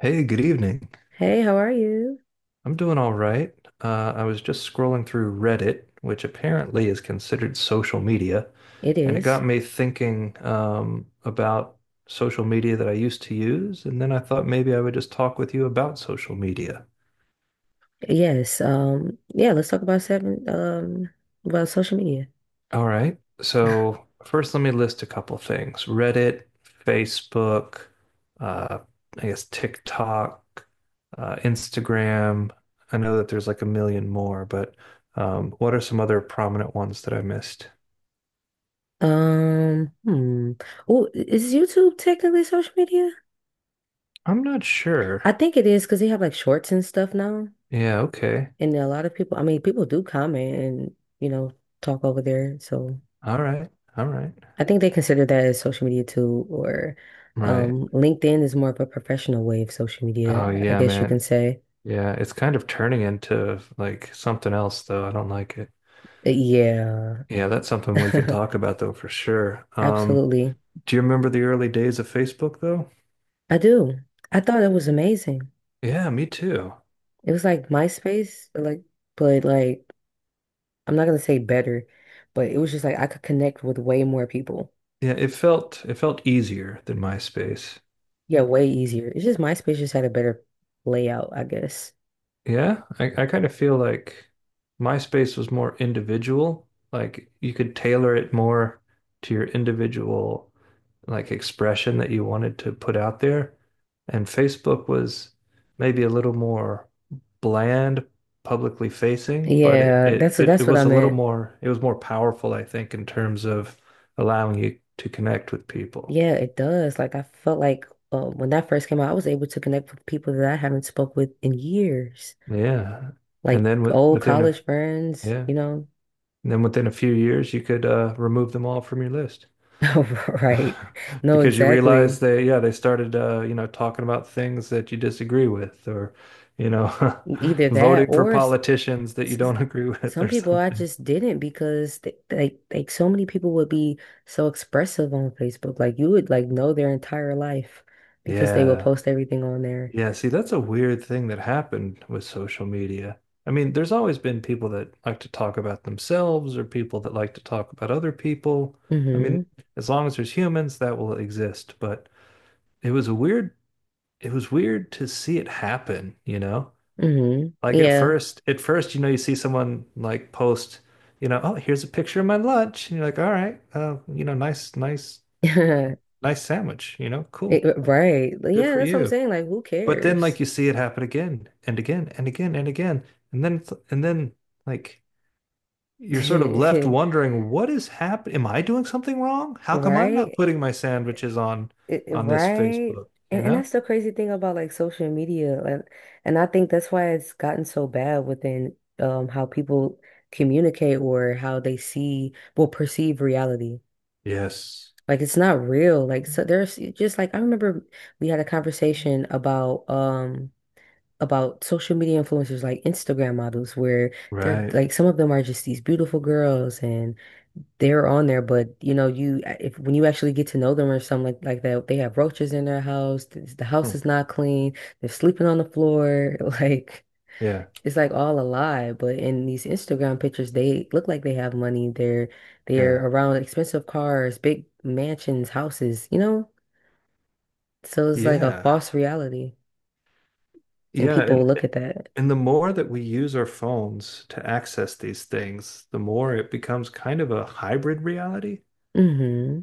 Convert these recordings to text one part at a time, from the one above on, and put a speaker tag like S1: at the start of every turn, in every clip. S1: Hey, good evening.
S2: Hey, how are you?
S1: I'm doing all right. I was just scrolling through Reddit, which apparently is considered social media,
S2: It
S1: and it
S2: is.
S1: got me thinking about social media that I used to use, and then I thought maybe I would just talk with you about social media.
S2: Yes. Yeah, let's talk about seven about social media.
S1: All right. So first, let me list a couple things: Reddit, Facebook, uh, I guess TikTok, Instagram. I know that there's like a million more, but what are some other prominent ones that I missed?
S2: Um, hmm. Oh, is YouTube technically social media?
S1: I'm not sure.
S2: I think it is because they have like shorts and stuff now.
S1: Yeah. Okay.
S2: And a lot of people, I mean, people do comment and, you know, talk over there. So
S1: All right. All right.
S2: I think they consider that as social media too, or
S1: Right.
S2: LinkedIn is more of a professional way of social
S1: Oh
S2: media, I
S1: yeah,
S2: guess you can
S1: man.
S2: say.
S1: Yeah, it's kind of turning into like something else, though. I don't like it.
S2: Yeah.
S1: Yeah, that's something we can talk about, though, for sure.
S2: Absolutely.
S1: Do you remember the early days of Facebook though?
S2: I do. I thought it was amazing.
S1: Yeah, me too.
S2: It was like MySpace, like, but like, I'm not gonna say better, but it was just like I could connect with way more people.
S1: Yeah, it felt easier than MySpace.
S2: Yeah, way easier. It's just MySpace just had a better layout, I guess.
S1: Yeah, I kind of feel like MySpace was more individual. Like you could tailor it more to your individual like expression that you wanted to put out there. And Facebook was maybe a little more bland, publicly facing, but it,
S2: Yeah,
S1: it,
S2: that's
S1: it, it
S2: that's what I
S1: was a little
S2: meant.
S1: more, it was more powerful, I think, in terms of allowing you to connect with people.
S2: Yeah, it does. Like I felt like when that first came out, I was able to connect with people that I haven't spoke with in years,
S1: Yeah. And
S2: like
S1: then with,
S2: old
S1: within, a-
S2: college friends,
S1: yeah.
S2: you know.
S1: And then within a few years, you could remove them all from your list
S2: Right. No,
S1: because you realize
S2: exactly.
S1: yeah, they started, you know, talking about things that you disagree with or, you know,
S2: Either that
S1: voting for
S2: or
S1: politicians that you
S2: s- s-
S1: don't agree with
S2: some
S1: or
S2: people I
S1: something.
S2: just didn't because they, like so many people would be so expressive on Facebook. Like you would like know their entire life because they would
S1: Yeah.
S2: post everything on there.
S1: Yeah. See, that's a weird thing that happened with social media. I mean, there's always been people that like to talk about themselves or people that like to talk about other people. I mean,
S2: hmm
S1: as long as there's humans, that will exist. But it was a weird it was weird to see it happen, you know? Like at
S2: Yeah.
S1: first, at first, you know, you see someone like post, you know, oh, here's a picture of my lunch. And you're like, all right, you know, nice, nice, nice sandwich, you know, cool. Like,
S2: Right.
S1: good
S2: Yeah,
S1: for
S2: that's what I'm
S1: you.
S2: saying. Like who
S1: But then
S2: cares?
S1: like you see it happen again and again and again and again. And then and then like you're sort of left wondering, what is happening? Am I doing something wrong? How come I'm not
S2: Right?
S1: putting my sandwiches on this
S2: Right?
S1: Facebook,
S2: And
S1: you
S2: and
S1: know?
S2: that's the crazy thing about like social media. And I think that's why it's gotten so bad within how people communicate or how they see well perceive reality.
S1: Yes.
S2: Like it's not real. Like so there's just like I remember we had a conversation about social media influencers like Instagram models where they're
S1: Right.
S2: like some of them are just these beautiful girls and they're on there, but you know, you if when you actually get to know them or something like that, they have roaches in their house. The
S1: Hmm.
S2: house is not clean. They're sleeping on the floor. Like
S1: Yeah.
S2: it's like all a lie. But in these Instagram pictures, they look like they have money. They're
S1: Yeah.
S2: they're around expensive cars, big mansions, houses. You know, so it's like a
S1: Yeah.
S2: false reality, and
S1: Yeah.
S2: people look at that.
S1: And the more that we use our phones to access these things, the more it becomes kind of a hybrid reality.
S2: hmm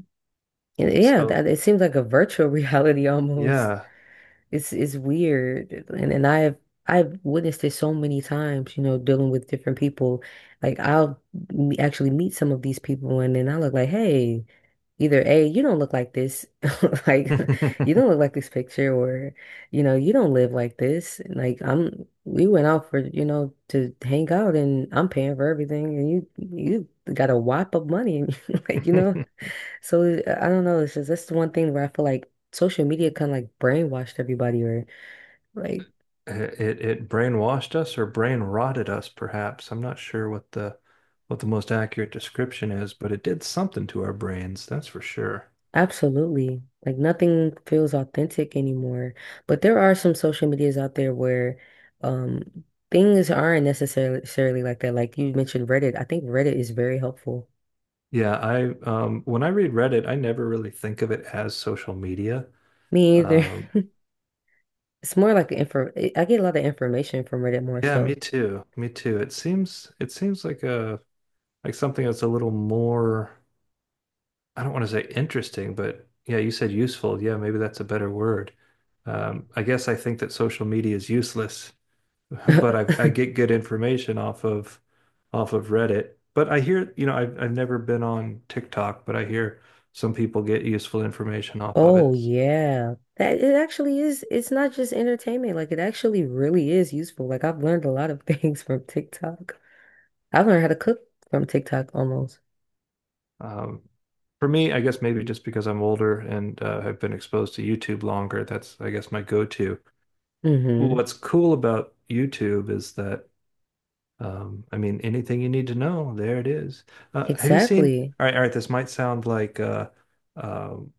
S2: Yeah,
S1: So,
S2: that, it seems like a virtual reality almost.
S1: yeah.
S2: It's weird. And I've witnessed it so many times, you know, dealing with different people. Like actually meet some of these people and then I look like, hey, either A, you don't look like this, like you don't look like this picture, or you know, you don't live like this. And, Like I'm we went out for, you know, to hang out and I'm paying for everything and you got a whop of money and like, you know. So I don't know. It's just that's the one thing where I feel like social media kind of like brainwashed everybody, or like
S1: It brainwashed us or brain rotted us, perhaps. I'm not sure what the most accurate description is, but it did something to our brains, that's for sure.
S2: absolutely, like nothing feels authentic anymore. But there are some social medias out there where um things aren't necessarily like that. Like you mentioned Reddit. I think Reddit is very helpful.
S1: Yeah, I when I read Reddit, I never really think of it as social media.
S2: Me either.
S1: Um,
S2: It's more like info. I get a lot of information from Reddit more
S1: Yeah, me
S2: so.
S1: too. Me too. It seems like a like something that's a little more, I don't want to say interesting, but yeah, you said useful. Yeah, maybe that's a better word. I guess I think that social media is useless, but I get good information off of Reddit. But I hear, you know, I've never been on TikTok, but I hear some people get useful information off of
S2: Oh
S1: it.
S2: yeah. That it actually is, it's not just entertainment. Like it actually really is useful. Like I've learned a lot of things from TikTok. I've learned how to cook from TikTok almost.
S1: Um, for me, I guess maybe just because I'm older and have been exposed to YouTube longer, that's I guess my go-to. Well,
S2: hmm
S1: what's cool about YouTube is that I mean anything you need to know, there it is. Have you seen?
S2: Exactly.
S1: All right, all right. This might sound um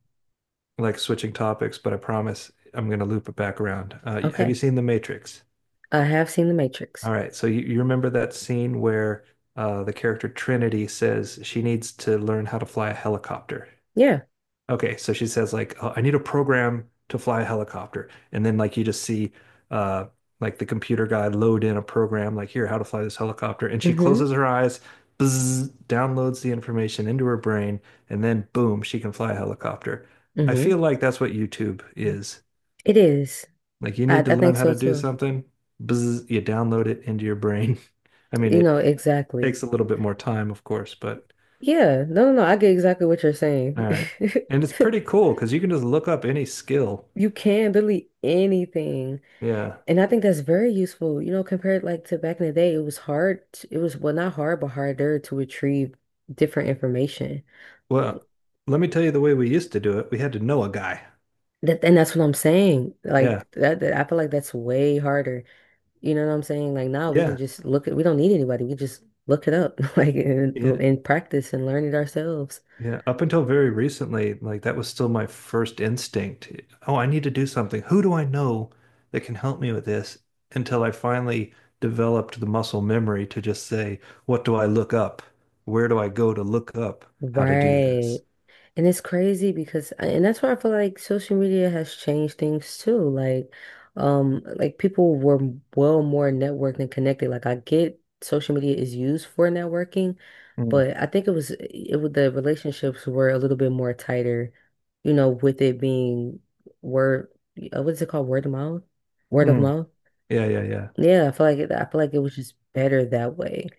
S1: like switching topics, but I promise I'm going to loop it back around. Have you
S2: Okay.
S1: seen The Matrix?
S2: I have seen The Matrix.
S1: All right, so you remember that scene where the character Trinity says she needs to learn how to fly a helicopter.
S2: Yeah.
S1: Okay, so she says like, "Oh, I need a program to fly a helicopter," and then like you just see, uh, like the computer guy load in a program like here how to fly this helicopter, and she closes
S2: hmm
S1: her eyes, bzzz, downloads the information into her brain, and then boom, she can fly a helicopter. I feel
S2: hmm
S1: like that's what YouTube is.
S2: It is.
S1: Like you
S2: I,
S1: need to
S2: I
S1: learn
S2: think
S1: how
S2: so
S1: to do
S2: too.
S1: something, bzzz, you download it into your brain. I mean,
S2: You
S1: it,
S2: know,
S1: it
S2: exactly.
S1: takes a little bit more time, of course, but
S2: Yeah. No, no, no. I get exactly what you're
S1: all
S2: saying.
S1: right, and it's pretty cool because you can just look up any skill.
S2: You can delete anything.
S1: Yeah.
S2: And I think that's very useful, you know, compared like to back in the day, it was hard to, it was well not hard but harder to retrieve different information.
S1: Well, let me tell you the way we used to do it. We had to know a guy.
S2: That and that's what I'm saying.
S1: Yeah.
S2: Like that, that I feel like that's way harder. You know what I'm saying? Like now we can
S1: Yeah.
S2: just look at we don't need anybody. We just look it up like
S1: Yeah.
S2: and practice and learn it ourselves.
S1: Yeah. Up until very recently, like that was still my first instinct. Oh, I need to do something. Who do I know that can help me with this? Until I finally developed the muscle memory to just say, what do I look up? Where do I go to look up how to do
S2: Right.
S1: this?
S2: And it's crazy because, and that's why I feel like social media has changed things too. Like people were well more networked and connected. Like, I get social media is used for networking,
S1: Mm.
S2: but I think it was the relationships were a little bit more tighter, you know, with it being word, what is it called? Word of mouth? Word of
S1: Mm.
S2: mouth?
S1: Yeah. Yeah. Yeah.
S2: Yeah, I feel like it was just better that way.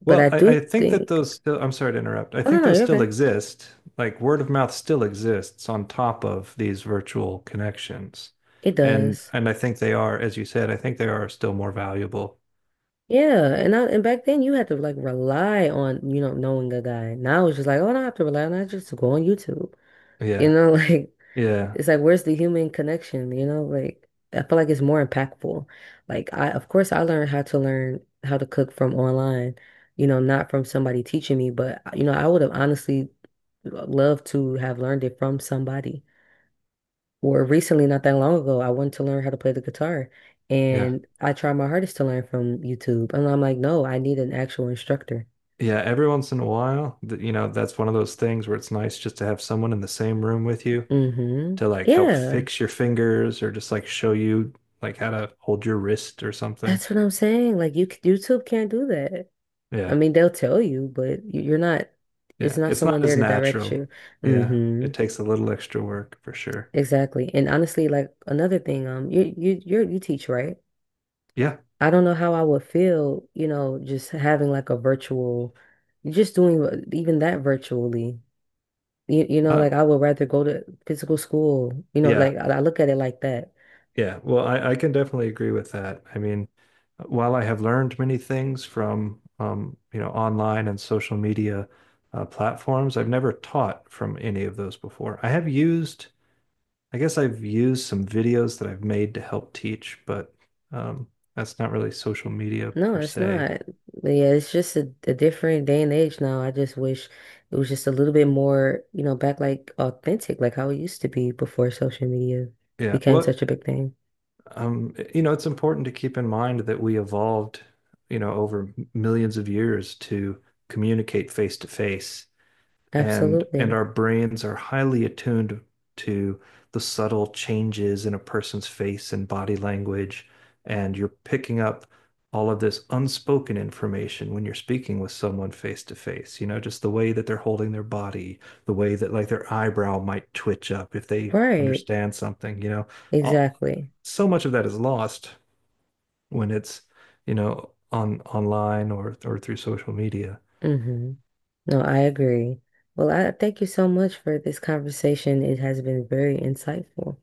S2: But
S1: Well,
S2: I do
S1: I think that
S2: think,
S1: those still, I'm sorry to interrupt. I
S2: oh no,
S1: think
S2: no,
S1: those
S2: you're
S1: still
S2: okay.
S1: exist. Like word of mouth still exists on top of these virtual connections.
S2: It does.
S1: And I think they are, as you said, I think they are still more valuable.
S2: Yeah, and back then you had to like rely on, you know, knowing a guy. Now it's just like, oh, I don't have to rely on that, I just go on YouTube. You
S1: Yeah.
S2: know, like
S1: Yeah.
S2: it's like where's the human connection, you know? Like I feel like it's more impactful. Like I of course I learned how to learn how to cook from online, you know, not from somebody teaching me, but you know, I would have honestly loved to have learned it from somebody. Or recently, not that long ago, I wanted to learn how to play the guitar
S1: Yeah.
S2: and I tried my hardest to learn from YouTube. And I'm like, no, I need an actual instructor.
S1: Yeah. Every once in a while, you know, that's one of those things where it's nice just to have someone in the same room with you
S2: hmm
S1: to like help
S2: Yeah,
S1: fix your fingers or just like show you like how to hold your wrist or something.
S2: that's what I'm saying. Like YouTube can't do that. I
S1: Yeah.
S2: mean, they'll tell you, but you're not, it's
S1: Yeah,
S2: not
S1: it's
S2: someone
S1: not
S2: there
S1: as
S2: to direct
S1: natural.
S2: you.
S1: Yeah,
S2: hmm
S1: it takes a little extra work for sure.
S2: Exactly. And honestly, like another thing, you teach, right?
S1: Yeah.
S2: I don't know how I would feel, you know, just having like a virtual, just doing even that virtually. You know,
S1: Uh,
S2: like I would rather go to physical school. You know,
S1: yeah.
S2: like I look at it like that.
S1: Yeah. Well, I can definitely agree with that. I mean, while I have learned many things from you know, online and social media platforms, I've never taught from any of those before. I have used, I guess I've used some videos that I've made to help teach, but um, that's not really social media
S2: No,
S1: per
S2: it's
S1: se.
S2: not. Yeah, it's just a different day and age now. I just wish it was just a little bit more, you know, back like authentic, like how it used to be before social media
S1: Yeah.
S2: became
S1: What
S2: such a big thing.
S1: um, you know, it's important to keep in mind that we evolved, you know, over millions of years to communicate face to face, and
S2: Absolutely.
S1: our brains are highly attuned to the subtle changes in a person's face and body language, and you're picking up all of this unspoken information when you're speaking with someone face to face, you know, just the way that they're holding their body, the way that like their eyebrow might twitch up if they
S2: Right.
S1: understand something, you know, all,
S2: Exactly.
S1: so much of that is lost when it's, you know, on online or through social media.
S2: hmm No, I agree. Well, I thank you so much for this conversation. It has been very insightful.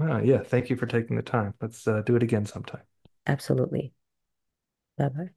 S1: Oh, yeah. Thank you for taking the time. Let's do it again sometime.
S2: Absolutely. Bye bye.